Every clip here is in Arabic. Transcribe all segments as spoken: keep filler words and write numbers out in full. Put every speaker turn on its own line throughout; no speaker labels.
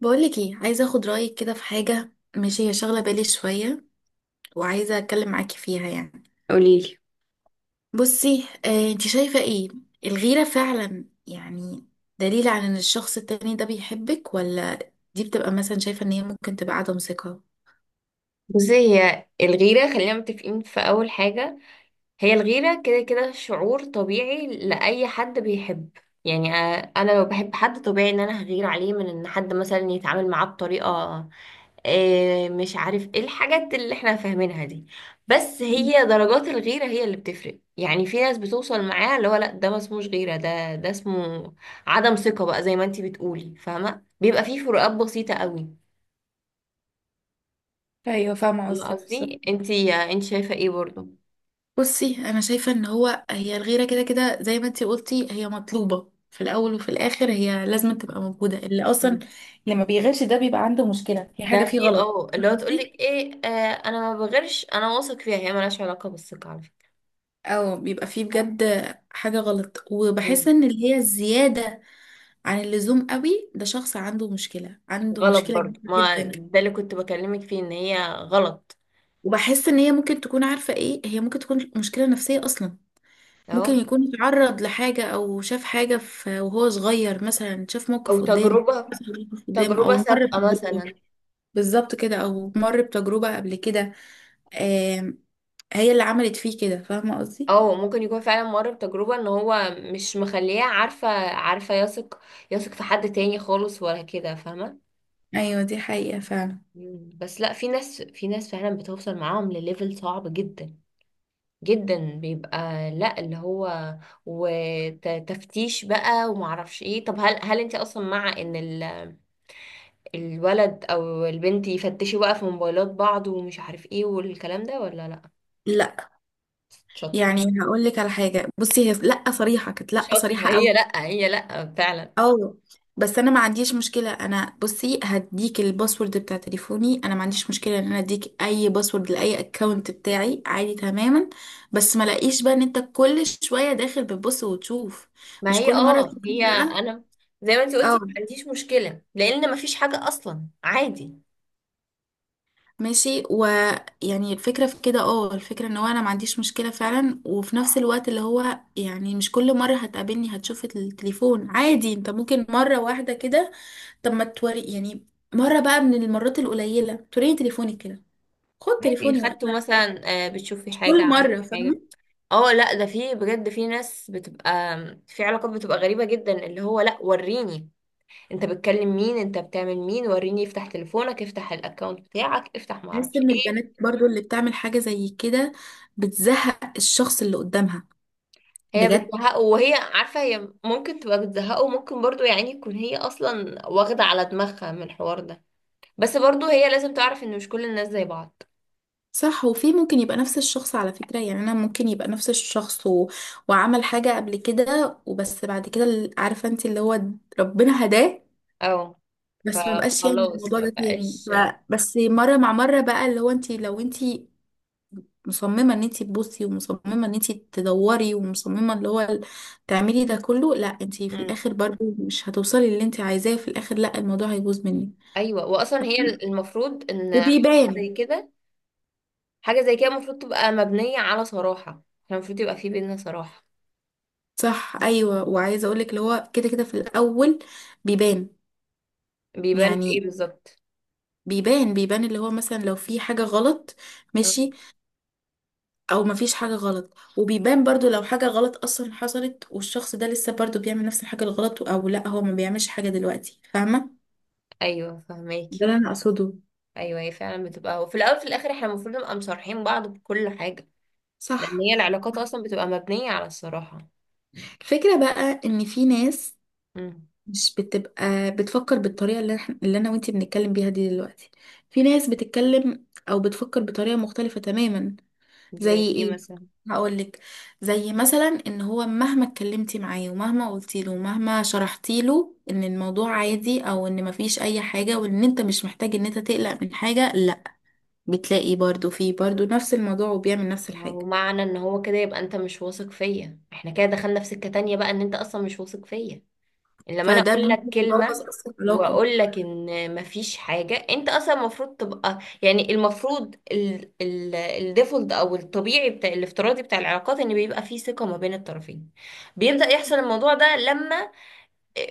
بقولك ايه، عايزه اخد رايك كده في حاجه، ماشي؟ هي شغله بالي شويه وعايزه اتكلم معاكي فيها يعني.
قوليلي.
بصي آه، انت شايفه ايه؟ الغيره فعلا يعني دليل على ان الشخص التاني ده بيحبك، ولا دي بتبقى مثلا شايفه ان هي ممكن تبقى عدم ثقه؟
بصي، هي الغيرة خلينا متفقين في أول حاجة، هي الغيرة كده كده شعور طبيعي لأي حد بيحب. يعني آه، أنا لو بحب حد طبيعي إن أنا هغير عليه من إن حد مثلا يتعامل معاه بطريقة، آه، مش عارف إيه الحاجات اللي إحنا فاهمينها دي. بس
مم.
هي درجات الغيرة هي اللي بتفرق. يعني في ناس بتوصل معاها اللي هو لأ ده ما اسموش غيرة، ده ده اسمه عدم ثقة بقى زي ما انتي بتقولي، فاهمة؟ بيبقى فيه فروقات بسيطة قوي.
ايوه فاهمه
والله
قصدك
قصدي
بالظبط.
انتي، انت شايفة ايه برضو؟
بصي انا شايفه ان هو هي الغيره كده كده زي ما انت قلتي، هي مطلوبه في الاول وفي الاخر، هي لازم تبقى موجوده. اللي اصلا
مم.
اللي ما بيغيرش ده بيبقى عنده مشكله، في
ده
حاجه فيه
في
غلط،
اه اللي هو
فاهمة
تقولك
قصدي؟
ايه، آه، انا ما بغيرش، انا واثق فيها، هي ملهاش علاقة بالثقة على فكرة.
او بيبقى فيه بجد حاجة غلط.
مم.
وبحس ان اللي هي الزيادة عن اللزوم قوي، ده شخص عنده مشكلة، عنده
غلط
مشكلة
برضو،
كبيرة
ما
جدا.
ده اللي كنت بكلمك فيه ان هي غلط.
وبحس ان هي ممكن تكون، عارفة ايه؟ هي ممكن تكون مشكلة نفسية اصلا. ممكن
اهو.
يكون اتعرض لحاجة او شاف حاجة، في وهو صغير مثلا شاف
او
موقف قدامه.
تجربة،
حصل موقف قدامه او
تجربة
مر
سابقة
بتجربة.
مثلا.
بالظبط كده، او مر بتجربة قبل كده. آم، هي اللي عملت فيه كده، فاهمة قصدي؟
او ممكن يكون فعلا مر بتجربة ان هو مش مخليها عارفة عارفة يثق، يثق في حد تاني خالص ولا كده، فاهمة؟
ايوه دي حقيقة فعلا.
مم. بس لا، في ناس في ناس فعلا بتوصل معاهم لليفل صعب جدا جدا. بيبقى لا اللي هو وتفتيش بقى ومعرفش ايه. طب هل هل انت اصلا مع ان ال- الولد او البنت يفتشوا بقى في موبايلات بعض ومش عارف ايه والكلام ده، ولا لا؟
لا،
شاطرة.
يعني هقول لك على حاجه. بصي هي لا صريحه، كانت لا
شاطرة، ما
صريحه قوي.
هي لا، هي لا فعلا.
اه. بس انا ما عنديش مشكله. انا بصي هديك الباسورد بتاع تليفوني، انا ما عنديش مشكله ان انا اديك اي باسورد لاي اكونت بتاعي، عادي تماما. بس ما لاقيش بقى ان انت كل شويه داخل بتبص وتشوف،
ما
مش
هي
كل مره
اه،
تشوف
هي
امرأة.
انا زي ما انت قلتي
اه.
ما عنديش مشكلة، لان ما فيش حاجة اصلا، عادي.
ماشي، ويعني الفكره في كده. اه، الفكره ان هو انا ما عنديش مشكله فعلا، وفي نفس الوقت اللي هو يعني مش كل مره هتقابلني هتشوف التليفون. عادي انت ممكن مره واحده كده، طب ما توري يعني. مرة بقى من المرات القليلة توريني تليفونك كده، خد
عادي
تليفوني
خدته
وقتها عادي.
مثلا، آه، بتشوفي
مش
حاجة؟
كل
عندك
مرة،
حاجة؟
فاهمة؟
اه لا، ده في بجد في ناس بتبقى، في علاقات بتبقى غريبة جدا، اللي هو لا وريني انت بتكلم مين، انت بتعمل مين، وريني افتح تليفونك، افتح الاكونت بتاعك، افتحه،
بحس
معرفش
ان
ايه.
البنات برضو اللي بتعمل حاجة زي كده بتزهق الشخص اللي قدامها،
هي
بجد.
بتزهقه وهي عارفة، هي ممكن تبقى بتزهقه، وممكن برضو يعني تكون هي اصلا واخدة على دماغها من الحوار ده، بس برضو هي لازم تعرف ان مش كل الناس زي بعض.
صح. وفي ممكن يبقى نفس الشخص على فكرة، يعني أنا ممكن يبقى نفس الشخص و... وعمل حاجة قبل كده وبس بعد كده ال- عارفة انت اللي هو ربنا هداه.
اه.
بس ما بقاش يعني
فخلاص،
الموضوع
ما
ده تاني. ف-
بقاش.
بس مرة مع مرة بقى، اللي هو انت لو انت مصممة ان انتي تبصي، ومصممة ان انتي تدوري، ومصممة اللي هو ال- تعملي ده كله، لا، انتي في
مم.
الاخر برضه مش هتوصلي اللي انتي عايزاه. في الاخر لا، الموضوع هيبوظ منك
ايوه، واصلا هي المفروض ان حاجة زي
وبيبان.
كده، حاجة زي كده المفروض تبقى مبنية على صراحة، احنا المفروض يبقى في بينا صراحة.
صح ايوه، وعايزه اقولك اللي هو كده كده في الاول بيبان.
بيبان في ايه
يعني
بالظبط؟
بيبان بيبان اللي هو مثلا لو في حاجه غلط،
آه.
ماشي، او مفيش حاجه غلط. وبيبان برضو لو حاجه غلط اصلا حصلت والشخص ده لسه برضو بيعمل نفس الحاجه الغلط، او لا هو ما بيعملش حاجه دلوقتي، فاهمه؟
ايوه
ده
فهماكي.
اللي انا اقصده.
ايوه، هي فعلا بتبقى، وفي الاول وفي الاخر احنا المفروض نبقى مصارحين بعض بكل حاجة، لان
صح.
هي العلاقات اصلا بتبقى مبنية على الصراحة.
الفكرة بقى ان في ناس
امم.
مش بتبقى بتفكر بالطريقة اللي، احنا اللي انا وانتي بنتكلم بيها دي دلوقتي. في ناس بتتكلم او بتفكر بطريقة مختلفة تماما.
زي
زي
ايه
ايه؟
مثلا؟
هقولك. زي مثلا ان هو مهما اتكلمتي معاه ومهما قلتي له ومهما شرحتي له ان الموضوع عادي او ان مفيش اي حاجة وان انت مش محتاج ان انت تقلق من حاجة، لا، بتلاقي برضو فيه برضو نفس الموضوع وبيعمل نفس
ما هو
الحاجة.
معنى ان هو كده يبقى انت مش واثق فيا، احنا كده دخلنا في سكة تانية بقى ان انت اصلا مش واثق فيا لما انا
فده
اقول لك
بيبوظ
كلمة
اصلا العلاقة.
واقول لك ان مفيش حاجة. انت اصلا المفروض تبقى يعني المفروض الديفولت او الطبيعي بتاع، الافتراضي بتاع العلاقات ان بيبقى فيه ثقة ما بين الطرفين. بيبدأ يحصل الموضوع ده لما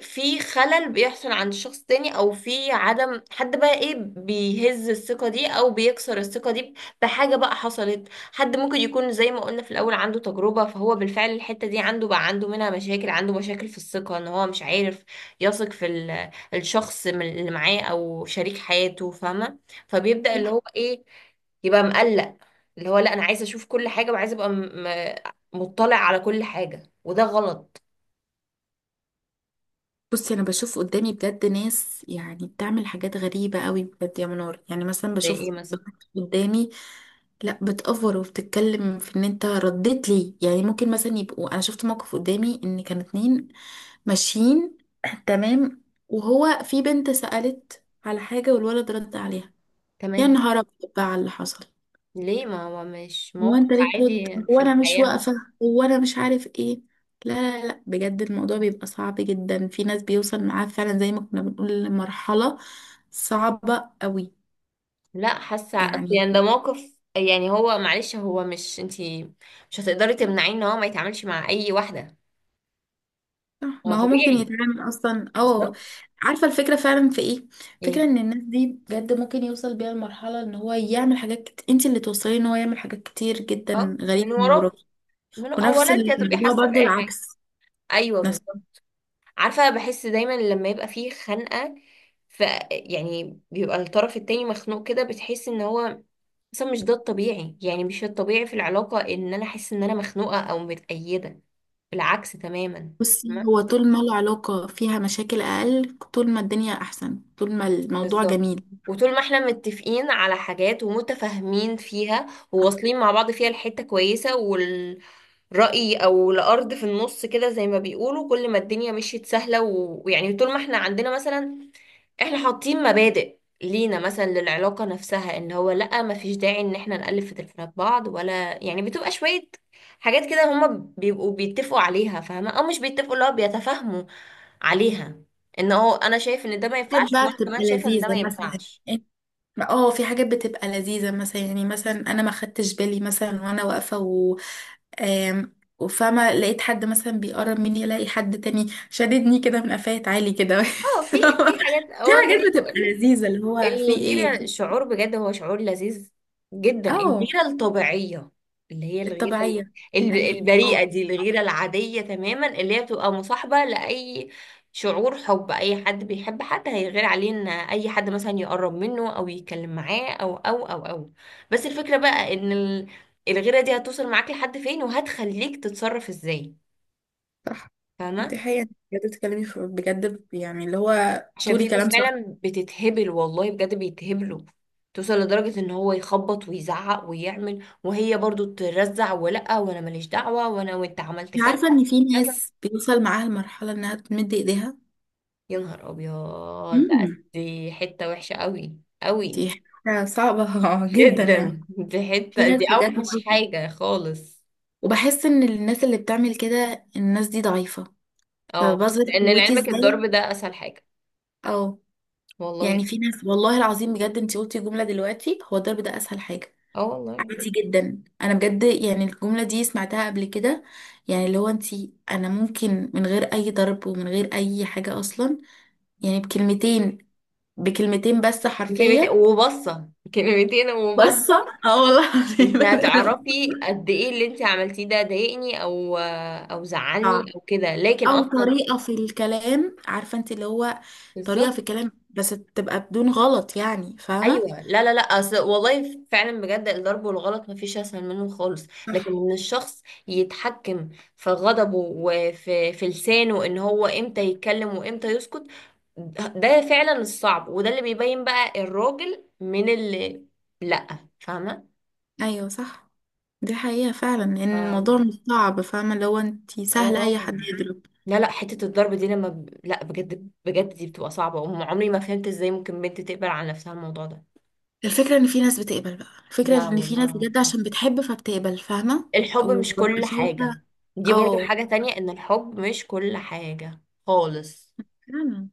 في خلل بيحصل عند شخص تاني، او في عدم، حد بقى ايه بيهز الثقة دي او بيكسر الثقة دي بحاجة بقى حصلت. حد ممكن يكون زي ما قلنا في الاول عنده تجربة، فهو بالفعل الحتة دي عنده، بقى عنده منها مشاكل، عنده مشاكل في الثقة ان هو مش عارف يثق في ال- الشخص من- اللي معاه او شريك حياته، فاهمة؟ فبيبدأ اللي هو ايه، يبقى مقلق، اللي هو لا انا عايزة اشوف كل حاجة، وعايزة ابقى م- م- مطلع على كل حاجة، وده غلط.
بصي انا بشوف قدامي بجد ناس يعني بتعمل حاجات غريبه قوي بجد، يا منار. يعني مثلا
زي ايه
بشوف
مثلا؟
بنات قدامي لا بتأفور وبتتكلم في ان انت رديت لي. يعني ممكن مثلا يبقوا، انا شفت موقف قدامي ان كانوا اتنين ماشيين، تمام، وهو في بنت سألت على حاجه والولد رد عليها. يا
تمام.
نهار ابيض بقى على اللي حصل!
ليه؟ ما هو مش
هو انت
موقف
ليه ترد؟
عادي
هو
في
انا مش
الحياة
واقفه؟
حصل؟
هو انا مش عارف ايه. لا لا لا، بجد الموضوع بيبقى صعب جدا. في ناس بيوصل معاه فعلا زي ما كنا بنقول لمرحله صعبه قوي
لا حاسة، أصل
يعني.
يعني ده موقف، يعني هو معلش، هو مش انتي مش هتقدري تمنعيه ان هو ما يتعاملش مع اي واحدة،
صح،
هو
ما هو ممكن
طبيعي.
يتعامل اصلا او.
بالظبط.
عارفه الفكره فعلا في ايه؟ فكره
ايه؟
ان الناس دي بجد ممكن يوصل بيها لمرحله ان هو يعمل حاجات كت... انت اللي توصلي ان هو يعمل حاجات كتير جدا
اه
غريبه
من
من وراك.
وراه. من
ونفس
اولا انت هتبقي
الموضوع
حاسة
برضو
بأي حاجة.
العكس.
ايوه
نفس
بالظبط. عارفة بحس دايما لما يبقى فيه خنقة، ف، يعني بيبقى الطرف التاني مخنوق كده، بتحس ان هو، بس مش ده الطبيعي. يعني مش الطبيعي في العلاقة ان انا احس ان انا مخنوقة او متأيدة، بالعكس تماما.
بصي
فاهمة؟
هو طول ما العلاقة فيها مشاكل أقل، طول ما الدنيا أحسن، طول ما الموضوع
بالظبط.
جميل.
وطول ما احنا متفقين على حاجات ومتفاهمين فيها وواصلين مع بعض فيها لحتة كويسة، والرأي او الارض في النص كده زي ما بيقولوا، كل ما الدنيا مشيت سهلة و- ويعني طول ما احنا عندنا مثلا، احنا حاطين مبادئ لينا مثلا للعلاقة نفسها ان هو لا ما فيش داعي ان احنا نقلب في تليفونات بعض ولا، يعني بتبقى شوية حاجات كده هما بيبقوا بيتفقوا عليها، فاهمة، او مش بيتفقوا، اللي هو بيتفاهموا عليها، ان هو انا شايف ان ده ما ينفعش
حاجات بقى
وانا كمان
بتبقى
شايفة ان ده ما
لذيذة مثلا
ينفعش.
يعني. اه، في حاجات بتبقى لذيذة مثلا، يعني مثلا أنا ما خدتش بالي مثلا وأنا واقفة و آم، وفاهمة، لقيت حد مثلا بيقرب مني، ألاقي حد تاني شددني كده من قفاية عالي كده
اه في، في حاجات
دي
اه زي
حاجات
ما
بتبقى
اقول،
لذيذة، اللي هو في ايه.
الغيرة شعور بجد، هو شعور لذيذ جدا،
اه،
الغيرة الطبيعية، اللي هي الغيرة ال-
الطبيعية. يعني
ال- البريئة
آه.
دي، الغيرة العادية تماما، اللي هي بتبقى مصاحبة لأي شعور حب. أي حد بيحب حد هيغير عليه إن أي حد مثلا يقرب منه أو يتكلم معاه أو أو أو أو. بس الفكرة بقى إن ال- الغيرة دي هتوصل معاك لحد فين، وهتخليك تتصرف إزاي.
صح،
فاهمة؟
دي حقيقة بجد. بتتكلمي في- بجد يعني اللي هو
عشان في
تقولي
ناس
كلام صح.
فعلا بتتهبل، والله بجد بيتهبلوا، توصل لدرجة ان هو يخبط ويزعق ويعمل، وهي برضو ترزع ولا وانا ماليش دعوة وانا وانت عملت
انت
كذا
عارفة ان
وعملت
في
كذا.
ناس بيوصل معاها المرحلة انها تمد ايديها؟
يا نهار ابيض! لا،
امم،
دي حتة وحشة قوي قوي
دي حاجة صعبة جدا يعني.
جدا، دي
في
حتة
ناس
دي
بجد
اوحش
بتوصل.
حاجة خالص.
وبحس ان الناس اللي بتعمل كده، الناس دي ضعيفة،
اه،
فبظهر
لان
قوتي
لعلمك الضرب
ازاي؟
ده اسهل حاجة،
او
والله.
يعني في ناس، والله العظيم بجد انت قلتي جملة دلوقتي، هو الضرب ده اسهل حاجة.
اه والله.
عادي جدا. انا بجد يعني الجمله دي سمعتها قبل كده. يعني اللي هو انتي، انا ممكن من غير اي ضرب ومن غير اي حاجه اصلا، يعني بكلمتين بكلمتين بس
كلمتين
حرفيا.
وبصة، كلمتين
بس
وبصة.
اه والله العظيم
انت
أنا-
هتعرفي قد ايه اللي انت عملتيه ده ضايقني او او زعلني
صعب.
او كده، لكن
او
اصلا،
طريقه في الكلام، عارفه انت اللي هو طريقه في
بالظبط.
الكلام، بس تبقى بدون غلط يعني، فاهمه؟
ايوه لا لا لا، أصل والله فعلا بجد الضرب والغلط مفيش اسهل منه خالص. لكن
صح
ان الشخص يتحكم في غضبه وفي في لسانه، ان هو امتى يتكلم وامتى يسكت، ده فعلا الصعب، وده اللي بيبين بقى الراجل من اللي لا، فاهمه؟
ايوه. صح، دي حقيقه فعلا ان
ف-،
الموضوع مش صعب، فاهمه اللي هو انتي؟
اه
سهل اي حد
اه.
يدرك.
لا لا، حتة الضرب دي لما ب...، لا بجد بجد دي بتبقى صعبة، وعمري ما فهمت ازاي ممكن بنت تقبل على نفسها الموضوع ده.
الفكرة ان في ناس بتقبل بقى، الفكرة
لا
ان في
والله
ناس بجد
العظيم.
عشان بتحب فبتقبل، فاهمة؟
الحب مش
وببقى
كل
شايفة.
حاجة، دي برضو
اه،
حاجة تانية، ان الحب مش كل حاجة خالص.
فعلا.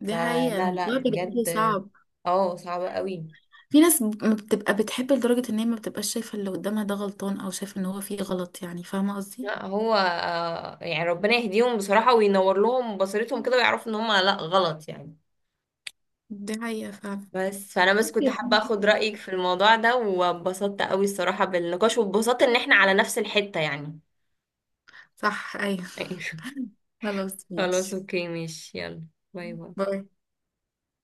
دي حقيقة،
فلا لا
الموضوع بجد
بجد،
صعب.
اه صعبة قوي.
في ناس ب- ما بتبقى بتحب لدرجة ان هي ما بتبقاش شايفة اللي قدامها ده غلطان، او شايفة ان هو فيه غلط يعني، فاهمة قصدي؟
لا هو آه، يعني ربنا يهديهم بصراحة وينور لهم بصيرتهم كده ويعرفوا ان هم لا غلط يعني.
دي حقيقة فعلا.
بس فانا بس كنت حابة اخد رأيك في الموضوع ده، واتبسطت قوي الصراحة بالنقاش، واتبسطت ان احنا على نفس الحتة يعني.
صح ايوه. خلاص
خلاص
ماشي،
اوكي ماشي، يلا، باي باي.
باي.